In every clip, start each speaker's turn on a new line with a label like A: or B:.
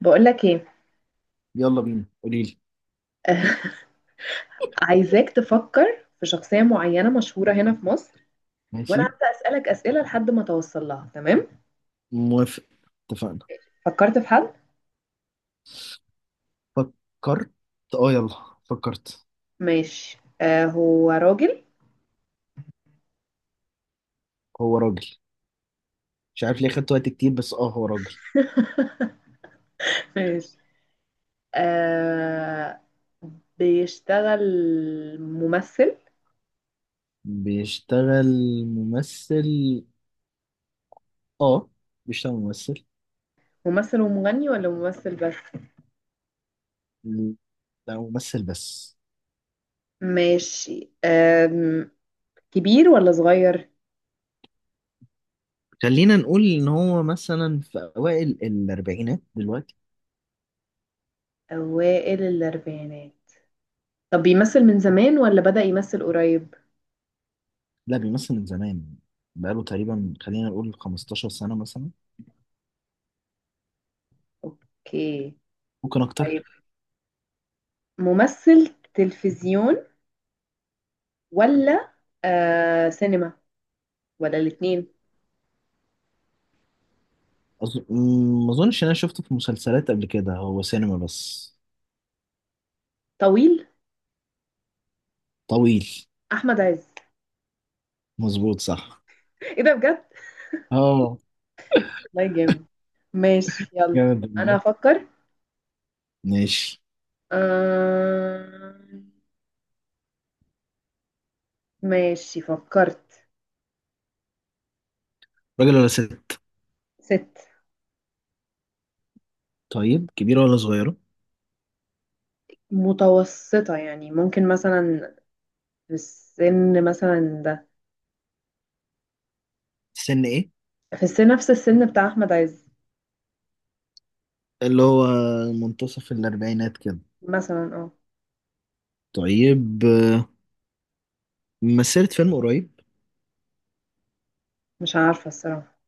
A: بقول لك ايه؟
B: يلا بينا، قولي لي.
A: عايزاك تفكر في شخصية معينة مشهورة هنا في مصر، وانا
B: ماشي.
A: هبدأ اسألك اسئلة لحد ما توصل لها. تمام.
B: موافق. اتفقنا.
A: فكرت في حد؟
B: فكرت. اه يلا فكرت.
A: ماشي، هو راجل.
B: هو راجل. مش عارف ليه خدت وقت كتير، بس هو راجل.
A: ماشي. آه بيشتغل ممثل.
B: بيشتغل ممثل. اه بيشتغل ممثل.
A: ممثل ومغني ولا ممثل بس؟
B: لا، ممثل بس.
A: ماشي، كبير ولا صغير؟
B: خلينا نقول ان هو مثلا في اوائل الاربعينات دلوقتي.
A: اوائل الاربعينات؟ طب بيمثل من زمان ولا بدأ يمثل قريب؟
B: لا، بيمثل من زمان. بقاله تقريبا، خلينا نقول 15 سنة مثلا.
A: اوكي.
B: ممكن اكتر.
A: ممثل تلفزيون ولا سينما ولا الاتنين؟
B: أظ... ما اظنش إن انا شفته في مسلسلات قبل كده، هو سينما بس.
A: طويل؟
B: طويل.
A: احمد عز.
B: مظبوط، صح.
A: ايه ده بجد؟
B: اه.
A: والله جامد. ماشي يلا،
B: جامد
A: انا
B: والله.
A: هفكر.
B: ماشي.
A: آه... ماشي فكرت.
B: راجل ولا ست؟
A: ست.
B: طيب، كبيرة ولا صغيرة؟
A: متوسطة يعني، ممكن مثلا في السن مثلا ده،
B: سن ايه؟
A: في السن نفس السن بتاع احمد عز
B: اللي هو منتصف الأربعينات كده.
A: مثلا، اه.
B: طيب. مثلت فيلم قريب؟
A: مش عارفة الصراحة،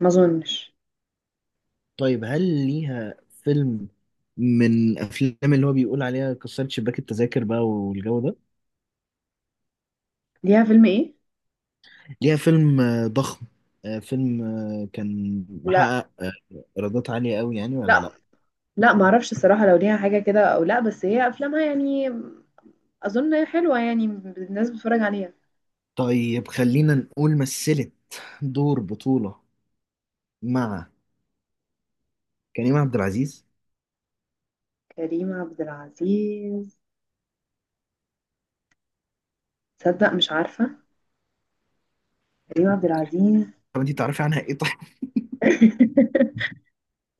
A: ما اظنش.
B: طيب، هل ليها فيلم من أفلام اللي هو بيقول عليها كسرت شباك التذاكر بقى والجو ده؟
A: ليها فيلم ايه؟
B: ليها فيلم ضخم. فيلم كان
A: لا.
B: محقق إيرادات عالية قوي، يعني ولا
A: لا.
B: لأ؟
A: لا ما اعرفش الصراحه لو ليها حاجه كده او لا، بس هي افلامها يعني اظن حلوه، يعني الناس بتتفرج عليها.
B: طيب، خلينا نقول مثلت دور بطولة مع كريم عبد العزيز.
A: كريم عبد العزيز؟ تصدق مش عارفه كريم عبد العزيز.
B: طب انت تعرفي عنها ايه طيب؟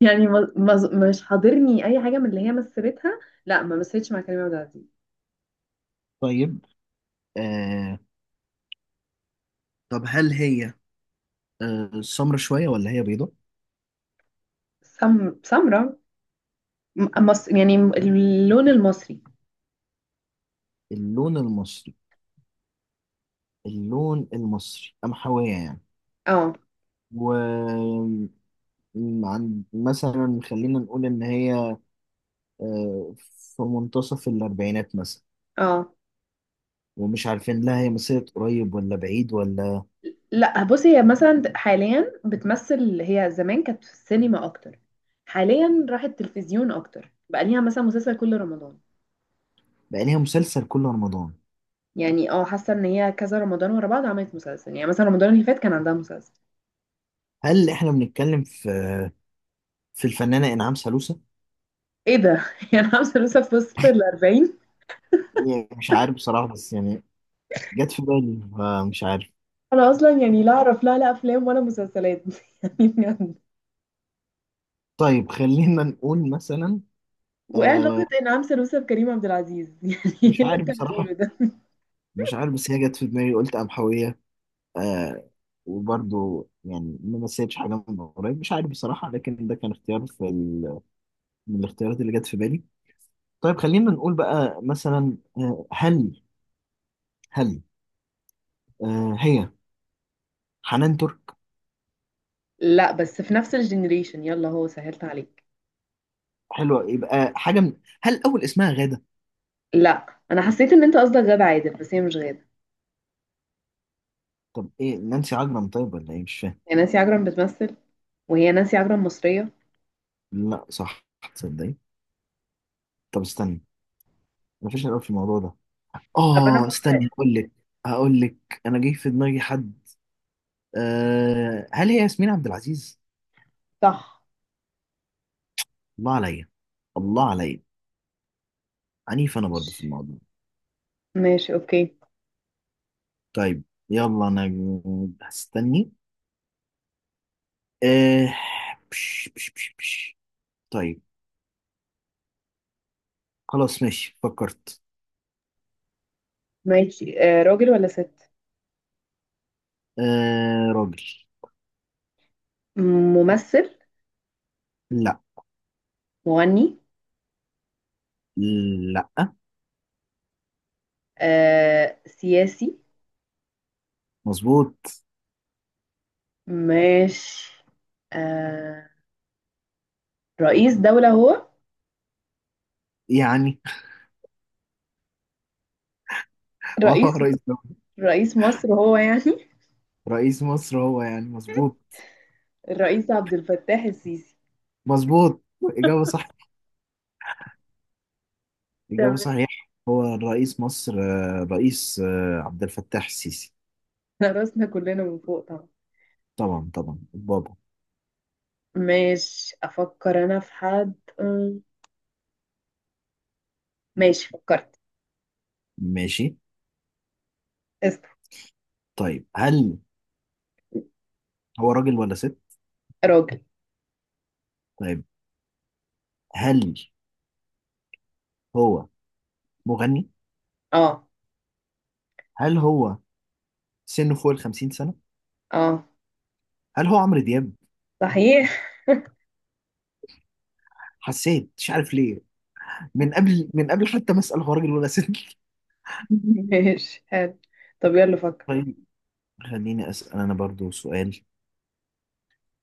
A: يعني مش حاضرني اي حاجه من اللي هي مثلتها. لا ما مثلتش مع كريم عبد العزيز.
B: طيب. آه طب هل هي سمرة شوية ولا هي بيضة؟
A: سمرة. يعني اللون المصري.
B: اللون المصري. اللون المصري، قمحوية يعني.
A: اه.
B: و عن مثلا خلينا نقول ان هي في منتصف الاربعينات مثلا،
A: اه.
B: ومش عارفين لا هي مسيرة قريب ولا بعيد ولا.
A: لا بصي، هي مثلا حاليا بتمثل، هي زمان كانت في السينما اكتر، حاليا راحت تلفزيون اكتر، بقى ليها مثلا مسلسل كل رمضان.
B: بقى ليها مسلسل كل رمضان.
A: يعني اه، حاسه ان هي كذا رمضان ورا بعض عملت مسلسل، يعني مثلا رمضان اللي فات كان عندها مسلسل.
B: هل احنا بنتكلم في الفنانة انعام سالوسة؟
A: ايه ده؟ يعني عامله لسه في وسط ال 40.
B: يعني مش عارف بصراحة، بس يعني جت في بالي، فمش عارف.
A: انا اصلا يعني لا اعرف لا لا افلام ولا مسلسلات. يعني بجد.
B: طيب، خلينا نقول مثلا
A: وايه
B: آه
A: علاقه انعام سالوسة بكريم عبد العزيز؟ يعني ايه
B: مش
A: اللي
B: عارف
A: انت
B: بصراحة.
A: بتقوله ده؟
B: مش عارف، بس هي جت في دماغي، قلت قمحوية. آه. وبرضو يعني ما مثلتش حاجة من قريب، مش عارف بصراحة، لكن ده كان اختيار في من الاختيارات اللي جت في بالي. طيب، خلينا نقول بقى مثلا، آه هل هل آه هي حنان ترك.
A: لا، بس في نفس الجنريشن، يلا هو سهلت عليك.
B: حلوة، يبقى حاجة من، هل أول اسمها غادة؟
A: لا انا حسيت ان انت قصدك غادة عادل، بس هي مش غادة.
B: طب إيه نانسي عجرم طيب ولا إيه، مش فاهم.
A: هي نانسي عجرم بتمثل؟ وهي نانسي عجرم مصرية؟
B: لا صح، تصدقي؟ طب استنى، مفيش الأول في الموضوع ده.
A: طب انا
B: اه
A: ممكن؟
B: استني، هقول لك. هقول لك، انا جاي في دماغي حد. أه، هل هي ياسمين عبد العزيز؟
A: صح.
B: الله عليا. الله عليا. عنيف انا برضه في
A: ماشي.
B: الموضوع.
A: ماشي اوكي.
B: طيب، يلا انا هستني. أه. بش بش بش بش. طيب. خلاص ماشي، فكرت.
A: ماشي، راجل ولا ست؟
B: أه راجل.
A: ممثل؟
B: لا.
A: مغني؟
B: لا.
A: سياسي؟
B: مظبوط.
A: ماشي، آه رئيس دولة هو؟
B: يعني اه،
A: رئيس
B: رئيس دولة.
A: رئيس مصر هو يعني؟
B: رئيس مصر هو يعني. مظبوط.
A: الرئيس عبد الفتاح السيسي.
B: مظبوط. إجابة صح. الإجابة
A: تمام،
B: صحيحة، هو الرئيس مصر الرئيس عبد الفتاح السيسي.
A: احنا راسنا كلنا من فوق طبعا.
B: طبعا، طبعا بابا.
A: ماشي افكر انا في حد. أم، ماشي فكرت.
B: ماشي.
A: اسم.
B: طيب، هل هو راجل ولا ست؟
A: راجل.
B: طيب، هل هو مغني؟
A: اه.
B: هل هو سنه فوق ال 50 سنة؟
A: اه.
B: هل هو عمرو دياب؟
A: صحيح.
B: حسيت، مش عارف ليه، من قبل، من قبل حتى ما أسأل هو راجل ولا ست.
A: ماشي حلو. طب يلا فكر.
B: طيب، خليني أسأل أنا برضو سؤال.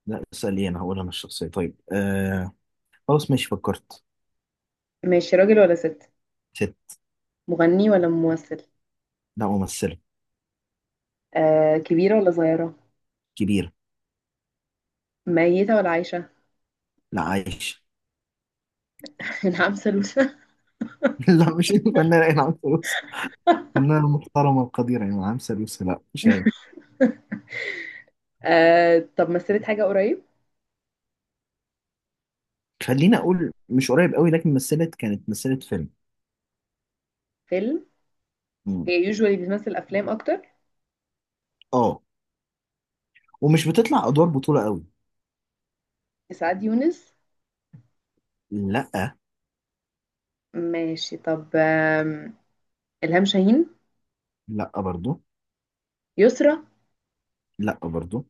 B: لا اسأل إيه، أنا هقول أنا الشخصية. طيب خلاص ماشي، فكرت.
A: ماشي، راجل ولا ست؟
B: ست.
A: مغني ولا ممثل؟
B: لا، ممثلة.
A: كبيرة ولا صغيرة؟
B: كبيرة.
A: ميتة ولا عايشة؟
B: لا، عايشة.
A: نعم سلوسة؟
B: لا، مش الفنانة إنعام سالوسة. فنانة محترمة وقديرة يعني إنعام سالوسة، لا مش هي.
A: طب مثلت حاجة قريب؟
B: خليني أقول مش قريب قوي، لكن مثلت، كانت مثلت فيلم.
A: فيلم؟
B: مم.
A: هي يوجوالي بتمثل أفلام أكتر؟
B: آه، ومش بتطلع أدوار بطولة قوي.
A: سعاد يونس؟
B: لا.
A: ماشي، طب إلهام شاهين؟
B: لا برضو.
A: يسرا؟
B: لا برضو.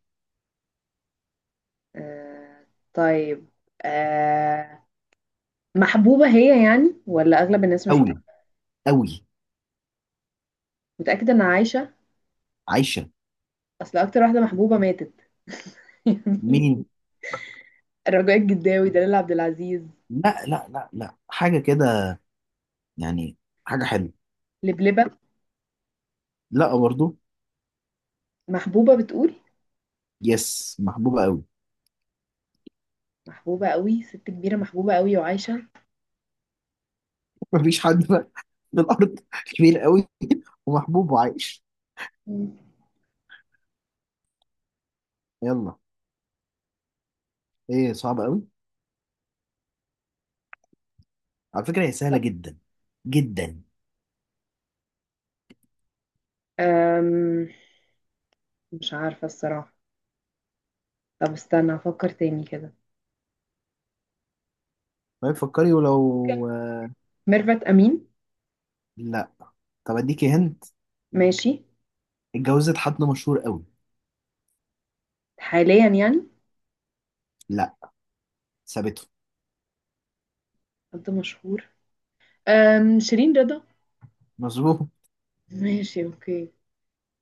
A: آه طيب، آه محبوبة هي يعني ولا أغلب الناس مش
B: قوي.
A: بتحبها؟
B: قوي.
A: متأكدة إن عايشة؟
B: عايشة.
A: اصل اكتر واحده محبوبه ماتت.
B: مين؟
A: رجاء الجداوي؟ دلال عبد العزيز؟
B: لا لا لا لا، حاجة كده يعني، حاجة حلوة.
A: لبلبة؟
B: لا برضو.
A: محبوبة بتقول؟
B: يس، محبوبة قوي.
A: محبوبة قوي ست كبيرة محبوبة قوي وعايشة؟
B: مفيش حد في الأرض كبير قوي ومحبوب وعايش.
A: مم.
B: يلا. إيه، صعب قوي. على فكرة هي سهلة
A: طب
B: جدا. جدا.
A: أم... مش عارفة الصراحة. طب استنى أفكر تاني كده.
B: ما تفكري
A: ممكن
B: ولو.
A: ميرفت أمين؟
B: لا. طب اديكي هنت.
A: ماشي.
B: اتجوزت حد مشهور قوي.
A: حاليا يعني؟
B: لا، سابته.
A: حد مشهور؟ شيرين رضا؟
B: مظبوط.
A: ماشي أوكي.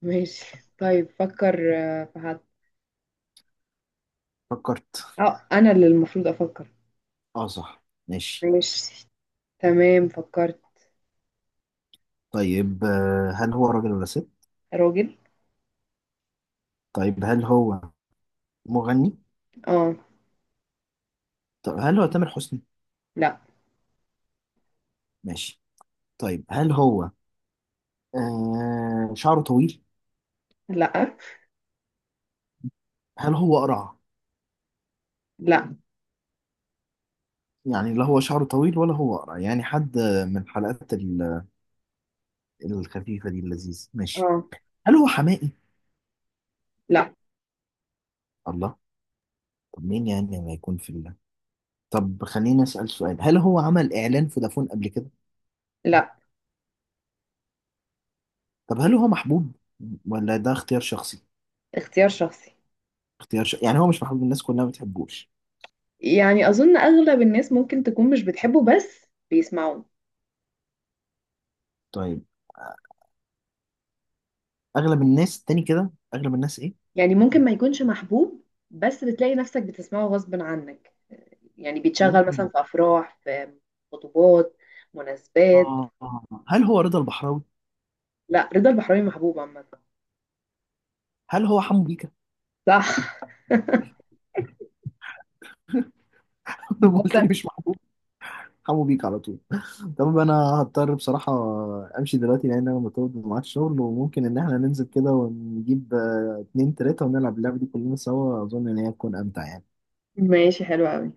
A: ماشي طيب فكر في حد.
B: فكرت.
A: اه أنا اللي المفروض أفكر.
B: اه صح، ماشي.
A: ماشي، تمام فكرت.
B: طيب هل هو راجل ولا ست؟
A: راجل.
B: طيب، هل هو مغني؟
A: اه.
B: طب هل هو تامر حسني؟
A: لا.
B: ماشي. طيب، هل هو شعره طويل؟
A: لا.
B: هل هو قرع؟
A: لا.
B: يعني لا هو شعره طويل ولا هو قرع، يعني حد من الحلقات الخفيفة دي اللذيذ. ماشي.
A: اه.
B: هل هو حمائي؟
A: لا.
B: الله. طب مين يعني ما يكون في الله. طب خليني أسأل سؤال، هل هو عمل إعلان فودافون قبل كده؟
A: لا.
B: طب هل هو محبوب ولا ده اختيار شخصي؟
A: اختيار شخصي.
B: اختيار يعني هو مش محبوب، الناس كلها ما بتحبوش؟
A: يعني أظن أغلب الناس ممكن تكون مش بتحبه بس بيسمعوه.
B: طيب، أغلب الناس تاني كده، أغلب الناس إيه؟
A: يعني ممكن ما يكونش محبوب، بس بتلاقي نفسك بتسمعه غصب عنك. يعني بيتشغل مثلا
B: ممكن.
A: في أفراح، في خطوبات، مناسبات.
B: آه، هل هو رضا البحراوي؟
A: لا رضا البحراوي محبوب عامة.
B: هل هو حمو بيكا؟
A: صح.
B: لما قلت لي مش محبوب، حمو بيكا على طول. طب أنا هضطر بصراحة أمشي دلوقتي، لأن أنا مرتبط معاك شغل، وممكن إن إحنا ننزل كده ونجيب اتنين تلاتة ونلعب اللعبة دي كلنا سوا. أظن إن هي تكون أمتع يعني.
A: ماشي حلو قوي.